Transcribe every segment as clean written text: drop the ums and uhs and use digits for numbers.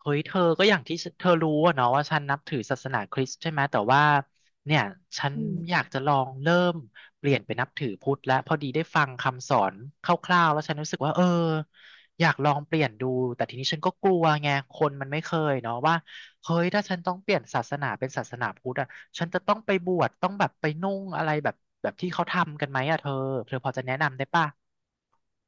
เฮ้ยเธอก็อย่างที่เธอรู้อะเนาะว่าฉันนับถือศาสนาคริสต์ใช่ไหมแต่ว่าเนี่ยฉันอือมยากจะลองเริ่มเปลี่ยนไปนับถือพุทธและพอดีได้ฟังคำสอนคร่าวๆแล้วฉันรู้สึกว่าเอออยากลองเปลี่ยนดูแต่ทีนี้ฉันก็กลัวไงคนมันไม่เคยเนาะว่าเฮ้ยถ้าฉันต้องเปลี่ยนศาสนาเป็นศาสนาพุทธอะฉันจะต้องไปบวชต้องแบบไปนุ่งอะไรแบบแบบที่เขาทำกันไหมอะเธอเธอพอจะแนะนำได้ป่ะ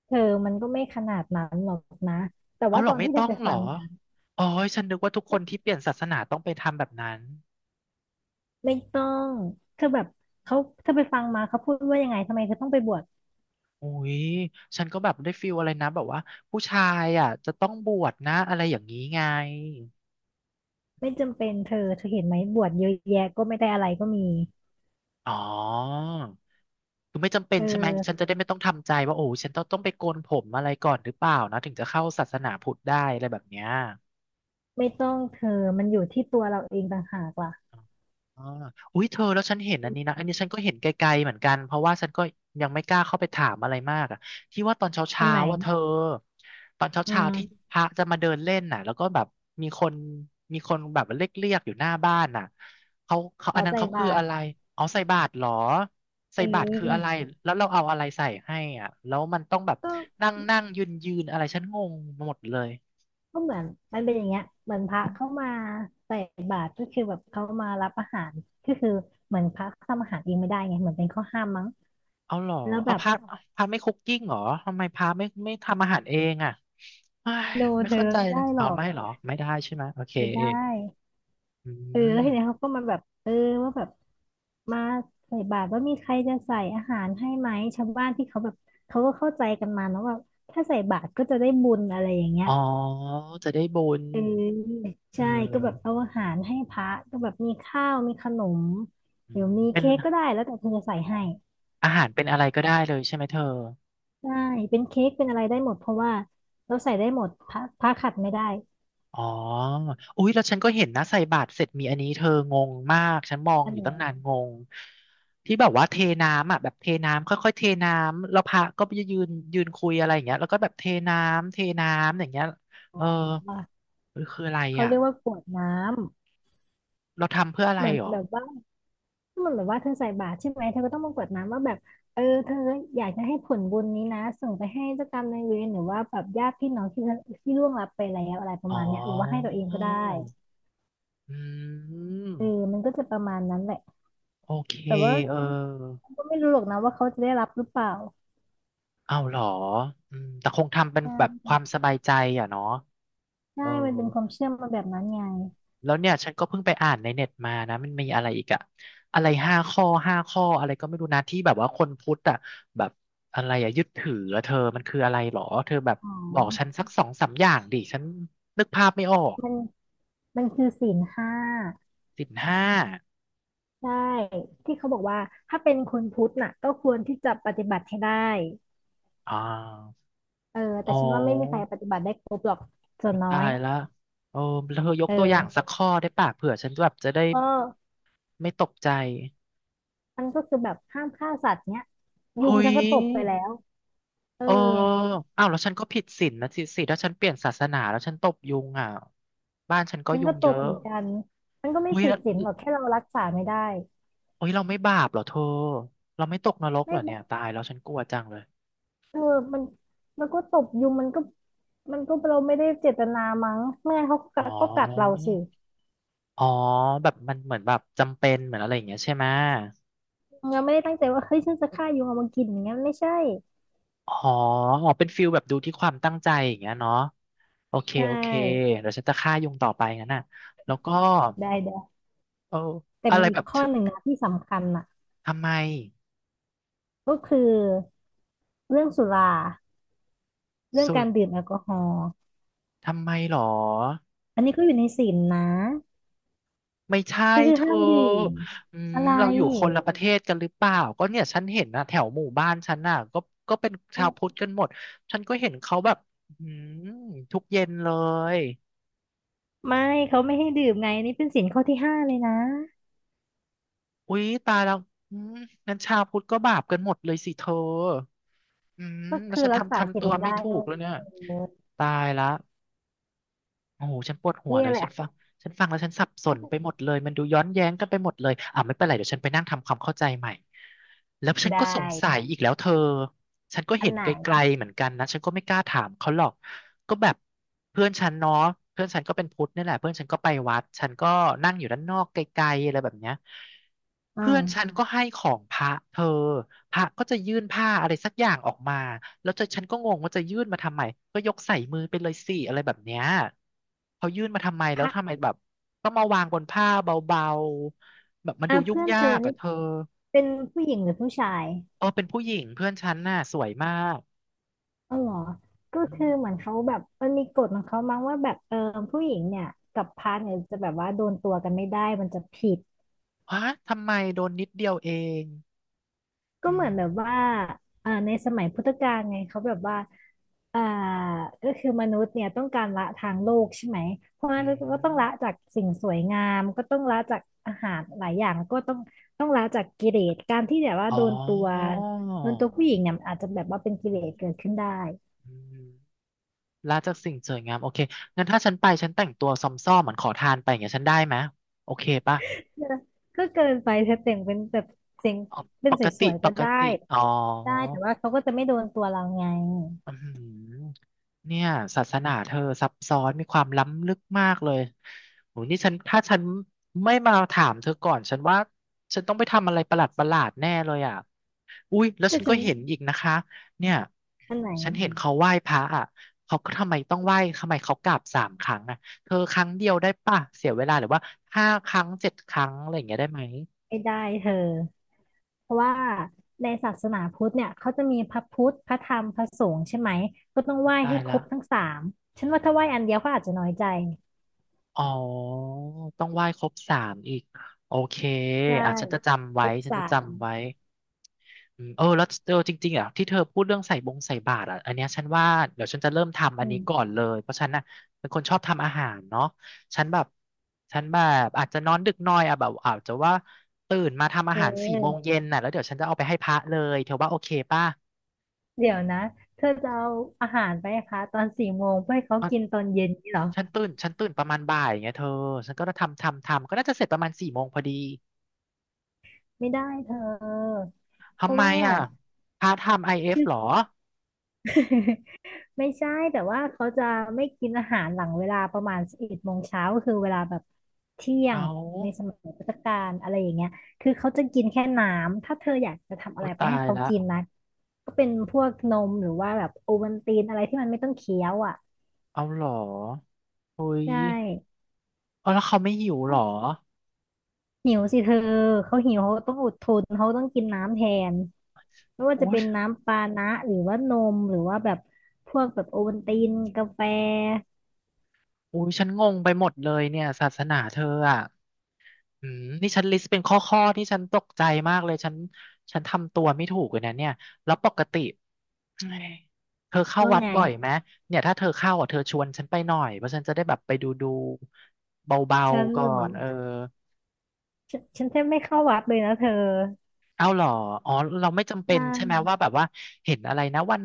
เธอมันก็ไม่ขนาดนั้นหรอกนะแต่เอาว่าเหรตออนไม่ที่เธต้อองไปเหรฟัองมาอ๋อฉันนึกว่าทุกคนที่เปลี่ยนศาสนาต้องไปทำแบบนั้น ไม่ต้องเธอแบบเขาเธอไปฟังมาเขาพูดว่ายังไงทำไมเธอต้องไปบวชอุ้ยฉันก็แบบได้ฟีลอะไรนะแบบว่าผู้ชายอ่ะจะต้องบวชนะอะไรอย่างนี้ไง ไม่จำเป็นเธอเห็นไหมบวชเยอะแยะก็ไม่ได้อะไรก็มีอ๋อ คือไม่จำเป็นเอใช่ไหม ฉันอจะได้ไม่ต้องทำใจว่าโอ้ฉันต้องไปโกนผมอะไรก่อนหรือเปล่านะถึงจะเข้าศาสนาพุทธได้อะไรแบบเนี้ย ไม่ต้องเธอมันอยู่ที่ตัวเราเองต่างหากล่ะอ่าอุ้ยเธอแล้วฉันเห็นอันนี้นะอันนี้ฉันก็เห็นไกลๆเหมือนกันเพราะว่าฉันก็ยังไม่กล้าเข้าไปถามอะไรมากอ่ะที่ว่าตอนอันเช้าไหนๆว่าเธอตอนอืเช้ามๆที่พระจะมาเดินเล่นน่ะแล้วก็แบบมีคนมีคนแบบเรียกๆอยู่หน้าบ้านน่ะเขาอัเอานนั้นใส่เขาบาคือตอะรไรอ๋อใส่บาตรเหรอเใส่บาตรคืออะไรออแล้วเราเอาอะไรใส่ให้อ่ะแล้วมันต้องแบบก็นั่งนั่งยืนยืนอะไรฉันงงหมดเลยก็เหมือนมันเป็นอย่างเงี้ยเหมือนพระเข้ามาใส่บาตรก็คือแบบเขามารับอาหารก็คือเหมือนพระทำอาหารเองไม่ได้ไงเหมือนเป็นข้อห้ามมั้งเอาเหรอแล้วแบเอาบ พระพระไม่คุกกิ้งเหรอทำไมพระไม่ทำอาหารเองอ่ะ เอ้ยโนไม่เธเข้าอใจไม่เลได้ยหรเอาอกไม่เหรอไม่ได้ใช่ไหมโอเคไม่ได้อืเออแล้วมทีเนี้ยเขาก็มาแบบเออว่าแบบมาใส่บาตรว่ามีใครจะใส่อาหารให้ไหมชาวบ้านที่เขาแบบเขาก็เข้าใจกันมาเนอะว่าถ้าใส่บาตรก็จะได้บุญอะไรอย่างเงี้ยอ๋อจะได้บุญเออเอใช่ก็แบบอเอาอาหารให้พระก็แบบมีข้าวมีขนมอืหรือมมีเป็นเค้กก็ได้แล้วแต่เธอจะใส่อ๋อให้อาหารเป็นอะไรก็ได้เลยใช่ไหมเธอใช่เป็นเค้กเป็นอะไรได้หมดเพราะว่าเราใส่ได้หมดพระขัดไม่ได้อ๋ออุ๊ยแล้วฉันก็เห็นนะใส่บาตรเสร็จมีอันนี้เธองงมากฉันมองอันอยู่ไหตั้งนานนงงที่แบบว่าเทน้ำอ่ะแบบเทน้ำค่อยๆเทน้ำแล้วพระก็ไปยืนยืนคุยอะไรอย่างเงี้ยแล้วก็แบบเทน้ำเทน้ำอย่างเงี้ยเออวะเออคืออะไรเขาอ่ะเรียกว่ากรวดน้เราทำเพื่อำอะไรเหมือนหรอ แบบว่า มันแบบว่าเธอใส่บาตรใช่ไหมเธอก็ต้องมากรวดน้ำว่าแบบเออเธออยากจะให้ผลบุญนี้นะส่งไปให้เจ้ากรรมนายเวรหรือว่าแบบญาติพี่น้องที่ล่วงลับไปแล้วอะไรประอ๋มาณเนี้ยหรือว่าให้ตัอวเองก็ได้อืเออมมันก็จะประมาณนั้นแหละโอเคแต่ว่าเออ ก็ไม่รู้หรอกนะว่าเขาจะได้รับหรือเปล่าเอาเหรออืมแต่คงทำเป็นใชแบบ่ความสบายใจอ่ะเนาะใช่เออมันเป็นความเชื่อมาแบบนั้นไงแล้วเนี่ยฉันก็เพิ่งไปอ่านในเน็ตมานะ มันมีอะไรอีกอะอะไร5 ข้อ 5 ข้ออะไรก็ไม่รู้นะที่แบบว่าคนพุทธอะแบบอะไรอะยึดถืออะเธอ มันคืออะไรหรอเธอแบบอ๋บอกฉันอสักสองสามอย่างดิฉันนึกภาพไม่ออกมันมันคือศีลห้าศีลห้าใช่ที่เขาบอกว่าถ้าเป็นคนพุทธน่ะก็ควรที่จะปฏิบัติให้ได้อ่าเอออ๋แต่ฉันว่าไม่มีใครอ ปฏิบัติได้ครบหรอกส่วนอุ๊ยน้อตาย ยละโอ้แล้วเธอยเกตัวอย่างสัออกข้อได้ป่ะเผื่อฉันแบบจะได้ก็ไม่ตกใจมันก็คือแบบห้ามฆ่าสัตว์เนี้ยยุงเฮ้ฉัยนก็ตบไปแล้วเออเอออ้าวแล้วฉันก็ผิดศีลนะสิถ้าฉันเปลี่ยนศาสนา แล้วฉันตบยุงอ่ะบ้านฉันก็ฉันยุก็งตเยบอะเหมือนกันมันก็ไม่เฮ้ยผิดแล้วศีลหรอกแค่เรารักษาไม่ได้เฮ้ยเราไม่บาปเหรอเธอ เราไม่ตกนรกเหไม่รอเนี่ยบตายแล้วฉันกลัวจังเลยเออมันมันก็ตบยุงมันก็เราไม่ได้เจตนามั้งไม่งั้นเขาก็กัอ๋อดก็กัดเราสิอ๋อแบบมันเหมือนแบบจำเป็นเหมือนอะไรอย่างเงี้ยใช่ไหมเราไม่ได้ตั้งใจว่าเฮ้ยฉันจะฆ่ายุงเอามากินอย่างเงี้ยไม่ใช่อ๋ออ๋อเป็นฟิลแบบดูที่ความตั้งใจอย่างเงี้ยเนาะ โอเคไดโอเค้เดี๋ยวฉันจะฆ่ายุงต่อไปงั้นน่ะแล้วก็ได้ได้เออแต่อะไรมีอีแบกบเธข้อหนึ่องนะที่สำคัญน่ะทำไมก็คือเรื่องสุราเรื่องสุการรดื่มแอลกอฮอล์ทำไมหรอ อันนี้ก็อยู่ในศีลนะ ไม่ใช่ก็คือเธห้าอมดื่มอืมอะไรเราอยู่คนละประเทศกันหรือเปล่าก็เนี่ยฉันเห็นนะแถวหมู่บ้านฉันน่ะก็ก็เป็นชาวพุทธกันหมด ฉันก็เห็นเขาแบบอืมทุกเย็นเลยไม่เขาไม่ให้ดื่มไงนี่เป็นศีลข้อที่ห้าเลยนะอุ๊ยตายแล้วอืมงั้นชาวพุทธก็บาปกันหมดเลยสิเธออืมก็แล้วคือฉันรักทำษาศีทำลตัวไม่ไม่ได้ถูกแล้วเนี่ยเออตายละ โอ้โหฉันปวดหัวเนี่เลยยแหละ ฉันฟังฉันฟังแล้วฉันสับสนไป หมดเลยมันดูย้อนแย้งกันไปหมดเลยอ่าไม่เป็นไรเดี๋ยวฉันไปนั่งทำความเข้าใจใหม่แล้วฉันได้ก็สงสัยอีกแล้วเธอฉันก็อันเห็นไหนไกลๆเหมือนกันนะฉันก็ไม่กล้าถามเขาหรอกก็แบบเพื่อนฉันเนาะเพื่อนฉันก็เป็นพุทธนี่แหละเพื่อนฉันก็ไปวัดฉันก็นั่งอยู่ด้านนอกไกลๆอะไรแบบเนี้ย อืเพื่มอนฉันก็ให้ของพระเธอพระก็จะยื่นผ้าอะไรสักอย่างออกมาแล้วจะฉันก็งงว่าจะยื่นมาทำไมก็ยกใส่มือไปเลยสิอะไรแบบเนี้ยเขายื่นมาทำไมพแล้วระทำไมแบบต้องมาวางบนผ้าเบาๆแบบมันอ่ะดูยุ่งเพื่อนยาเธอกนี่อะเธอเป็นผู้หญิงหรือผู้ชายเออเป็นผู้หญิงเพื่อนฉันน่ะสวยมากอ๋อเหรอก็อืคือมเหมือนเขาแบบมันมีกฎของเขามั้งว่าแบบเออผู้หญิงเนี่ยกับพระเนี่ยจะแบบว่าโดนตัวกันไม่ได้มันจะผิด ฮะทำไมโดนนิดเดียวเองก็อืเหมือนมแบบว่าอ่าในสมัยพุทธกาลไงเขาแบบว่าอ่าก็คือมนุษย์เนี่ยต้องการละทางโลกใช่ไหม เพราะอืงั้นก็ต้องละมจากสิ่งสวยงามก็ต้องละจากอาหารหลายอย่างก็ต้องละจากกิเลสการที่แบบว่าอ๋อโดนตัวผู้หญิงเนี่ยมันอาจจะแบบว่าเป็นกิอ๋เลสอเกิดขึ้นได้อืม ละจากสิ่งสวยงามโอเคงั้นถ้าฉันไปฉันแต่งตัวซอมซ่อมเหมือนขอทานไปอย่างเงี้ยฉันได้ไหมโอเคป่ะเออก็เกินไปถ้าแต่งเป็นแบบเสียงอ๋อเป็ปนสกติวยๆปก็กได้ติอ๋อ ได้แต่ว่าเขาก็จะไม่โดนตัวเราไงอืมเนี่ยศาสนาเธอซับซ้อนมีความล้ำลึกมากเลยโหนี่ฉันถ้าฉันไม่มาถามเธอก่อนฉันว่าฉันต้องไปทำอะไรประหลาดประหลาดแน่เลยอ่ะอุ้ยแล้วแต่ฉันฉัก็นเห็นอีกนะคะเนี่ยอันไหนฉันเห็นเขาไหว้พระอ่ะเขาก็ทำไมต้องไหว้ทำไมเขากราบสามครั้งอ่ะเธอครั้งเดียวได้ป่ะเสียเวลาหรือว่าห้าครั้งเจ็ดครั้งอะไรอย่างเงี้ยได้ไหมไม่ได้เธอ เพราะว่าในศาสนาพุทธเนี่ยเขาจะมีพระพุทธ พระธรรม พระสงฆ์ใช่ไหมก็ต้องไหอุ๊ยว้ตาให้ยครละ บทั้งสามฉันว่าถ้าไหว้อันเดียวเขาอาจจะน้อยใจอ๋อต้องไหว้ครบสามอีกโอเคใช่อ่ะฉันจะจำคไว้รบฉันสาจะจำมไว้อืมเออแล้วเออจริงๆอ่ะที่เธอพูดเรื่องใส่บงใส่บาตรอ่ะอันเนี้ยฉันว่าเดี๋ยวฉันจะเริ่มทำอัอืนนี้ก่อมนเลยเพราะฉันน่ะเป็นคนชอบทำอาหารเนาะฉันแบบฉันแบบอาจจะนอนดึกหน่อยอ่ะแบบอาจจะว่าตื่นมาทำเอาหารสี่โมงออเย็นน่ะแล้วเดี๋ยวฉันจะเอาไปให้พระเลยเธอว่าโอเคป่ะเดี๋ยวนะเธอจะเอาอาหารไปให้คะตอนสี่โมงเพื่อให้เขากินอ่ะตอนเย็นนี่เหรอฉันตื่นประมาณบ่ายอย่างเงี้ยเธอฉันก็ทำก็น่าจะเสร็จประมาณสี่โมงพอดี ไม่ได้เธอเพทำราะไมว่าอ่ะพาร์ทไทม์ไอเอฟคือ หรอ ไม่ใช่แต่ว่าเขาจะไม่กินอาหารหลังเวลาประมาณสิบเอ็ดโมงเช้าก็คือเวลาแบบเที่ยเองในสามัยพุทธกาลอะไรอย่างเงี้ยคือเขาจะกินแค่น้ำถ้าเธออยากจะทำอะโอ้ไรไปตาให้ยเขาละกินนะก็เป็นพวกนมหรือว่าแบบโอวัลตินอะไรที่มันไม่ต้องเคี้ยวอ่ะเอาหรอโอ้ยใช่เอาแล้วเขาไม่หิวหรอหิวสิเธอเขาหิวเขาต้องอดทนเขาต้องกินน้ำแทนไม่ว่าจะอุ้เป็ยนน้ำปานะหรือว่านมหรือว่าแบบพวกแบบโอวัลตินกาแฟอุ้ยฉันงงไปหมดเลยเนี่ยศาสนาเธออ่ะอืมนี่ฉันลิสต์เป็นข้อข้อที่ฉันตกใจมากเลยฉันทำตัวไม่ถูกเลยนะเนี่ยแล้วปกติเอ้ยเธอเข้าว่าวัดไงบ่อยไหมเนี่ยถ้าเธอเข้าอ่ะเธอชวนฉันไปหน่อยเพราะฉันจะได้แบบไปดูดูเบาฉันๆก่เหรออ นเออ ฉันแทบไม่เข้าวัดเลยนะเธอเอาเหรออ๋อเราไม่จำเป็นจ้างใช่ไหมว่าแบบว่าเห็นอะไรนะวัน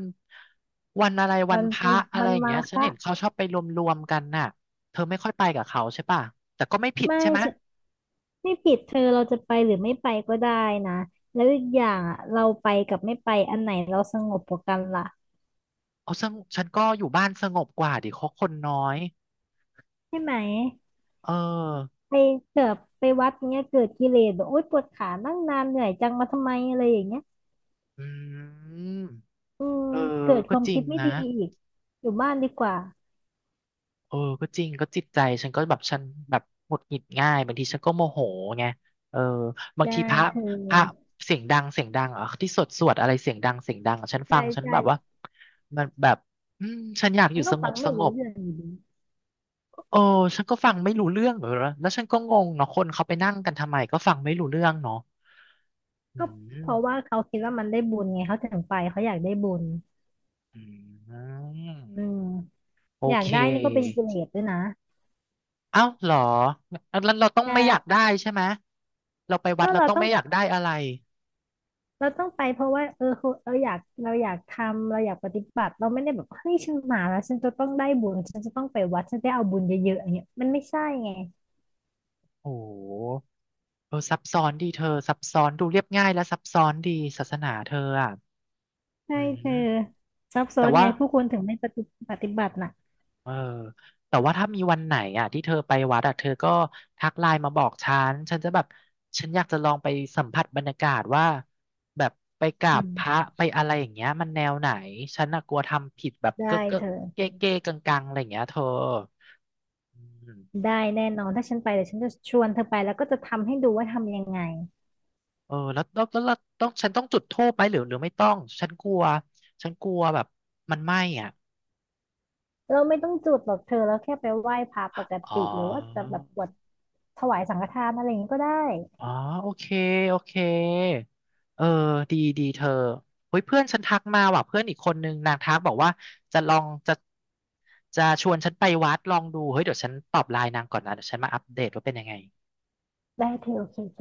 วันอะไรวัมันนพมัระนอะไรมันอย่างมาเงี้ยฉันคะเห็นเขาชอบไปรวมๆกันน่ะเธอไม่ค่อยไปกับเขาใช่ป่ะแต่ก็ไม่ผิดไม่ใช่ไหมฉันไม่ผิดเธอเราจะไปหรือไม่ไปก็ได้นะแล้วอีกอย่างอะเราไปกับไม่ไปอันไหนเราสงบกว่ากันล่ะเอาซึ่งฉันก็อยู่บ้านสงบกว่าดิเขาคนน้อยใช่ไหมเออไปเกิดไปวัดเนี้ยเกิดกิเลสแบบโอ๊ยปวดขานั่งนานเหนื่อยจังมาทำไมอะไรอย่างเงี้ยอืมอืมเออเกิดคก็วามจริคิงดไม่นะ ดีอีกอยู่บ้านดีกว่าเออก็จริงก็จิตใจฉันก็แบบฉันแบบหงุดหงิดง่ายบางทีฉันก็โมโหไงเออบางใช่ทีพระเธพระอเสียงดังเสียงดังอ่ะที่สวดสวดอะไรเสียงดังเสียงดังอะฉันฟัใช่งฉันใช่แบบว่ามันแบบอืมฉันอยากอฉันยู่ก็สงฟังบสไม่งรู้บเรื่องอยู่ดีเออฉันก็ฟังไม่รู้เรื่องเหรอแล้วฉันก็งงเนาะคนเขาไปนั่งกันทำไมก็ฟังไม่รู้เรื่องเนาะอืก็เพมราะว่าเขาคิดว่ามันได้บุญไงเขาถึงไปเขาอยากได้บุญ อือืมมโออยากเคได้นี่ก็เป็นกิเลสด้วยนะเอ้าเหรองั้นเราต้อใงไม่อยากช่ได้ใช่ไหมเราไปวัก็ดเราเราต้องต้องไม่อยากได้อะไร เราต้องไปเพราะว่าเออคือเราอยากทำเราอยากปฏิบัติเราไม่ได้แบบเฮ้ยฉันมาแล้วฉันจะต้องได้บุญฉันจะต้องไปวัดฉันได้เอาบุญเยอะๆอย่างเงี้ยมันไม่ใช่ไงโอ้โหเออซับซ้อนดีเธอซับซ้อนดูเรียบง่ายและซับซ้อนดีศาสนาเธออ่ะใช่อืเธอมซับซ้อแต่นไงว่าผู้คนถึงไม่ปฏิบัติน่ะเออแต่ว่าถ้ามีวันไหนอ่ะที่เธอไปวัดอ่ะเธอก็ทักไลน์มาบอกฉันฉันจะแบบฉันอยากจะลองไปสัมผัสบรรยากาศว่าแบบไปกราบอืพระมไปอะไรอย่างเงี้ยมันแนวไหนฉันน่ะกลัวทำผิดแบบได้เก๊ะเก๊ะเธอเก๊ะเก๊ะกังกังๆอะไรอย่างเงี้ยเธออืม ได้แน่นอนถ้าฉันไปเดี๋ยวฉันจะชวนเธอไปแล้วก็จะทำให้ดูว่าทำยังไงเออแล้วต้องฉันต้องจุดธูปไหมหรือหรือไม่ต้องฉันกลัวแบบมันไหม้อ่ะเราไม่ต้องจุดหรอกเธอเราแค่ไปไหว้พระปกอ๋อติหรือว่าจะแบบกวดถวายสังฆทานอะไรอย่างนี้ก็ได้ อ๋อโอเคโอเคเออดีดีเธอเฮ้ยเพื่อนฉันทักมาว่ะเพื่อนอีกคนนึงนางทักบอกว่าจะลองจะชวนฉันไปวัดลองดูเฮ้ยเดี๋ยวฉันตอบไลน์นางก่อนนะเดี๋ยวฉันมาอัปเดตว่าเป็นยังไงได้เธอโอเค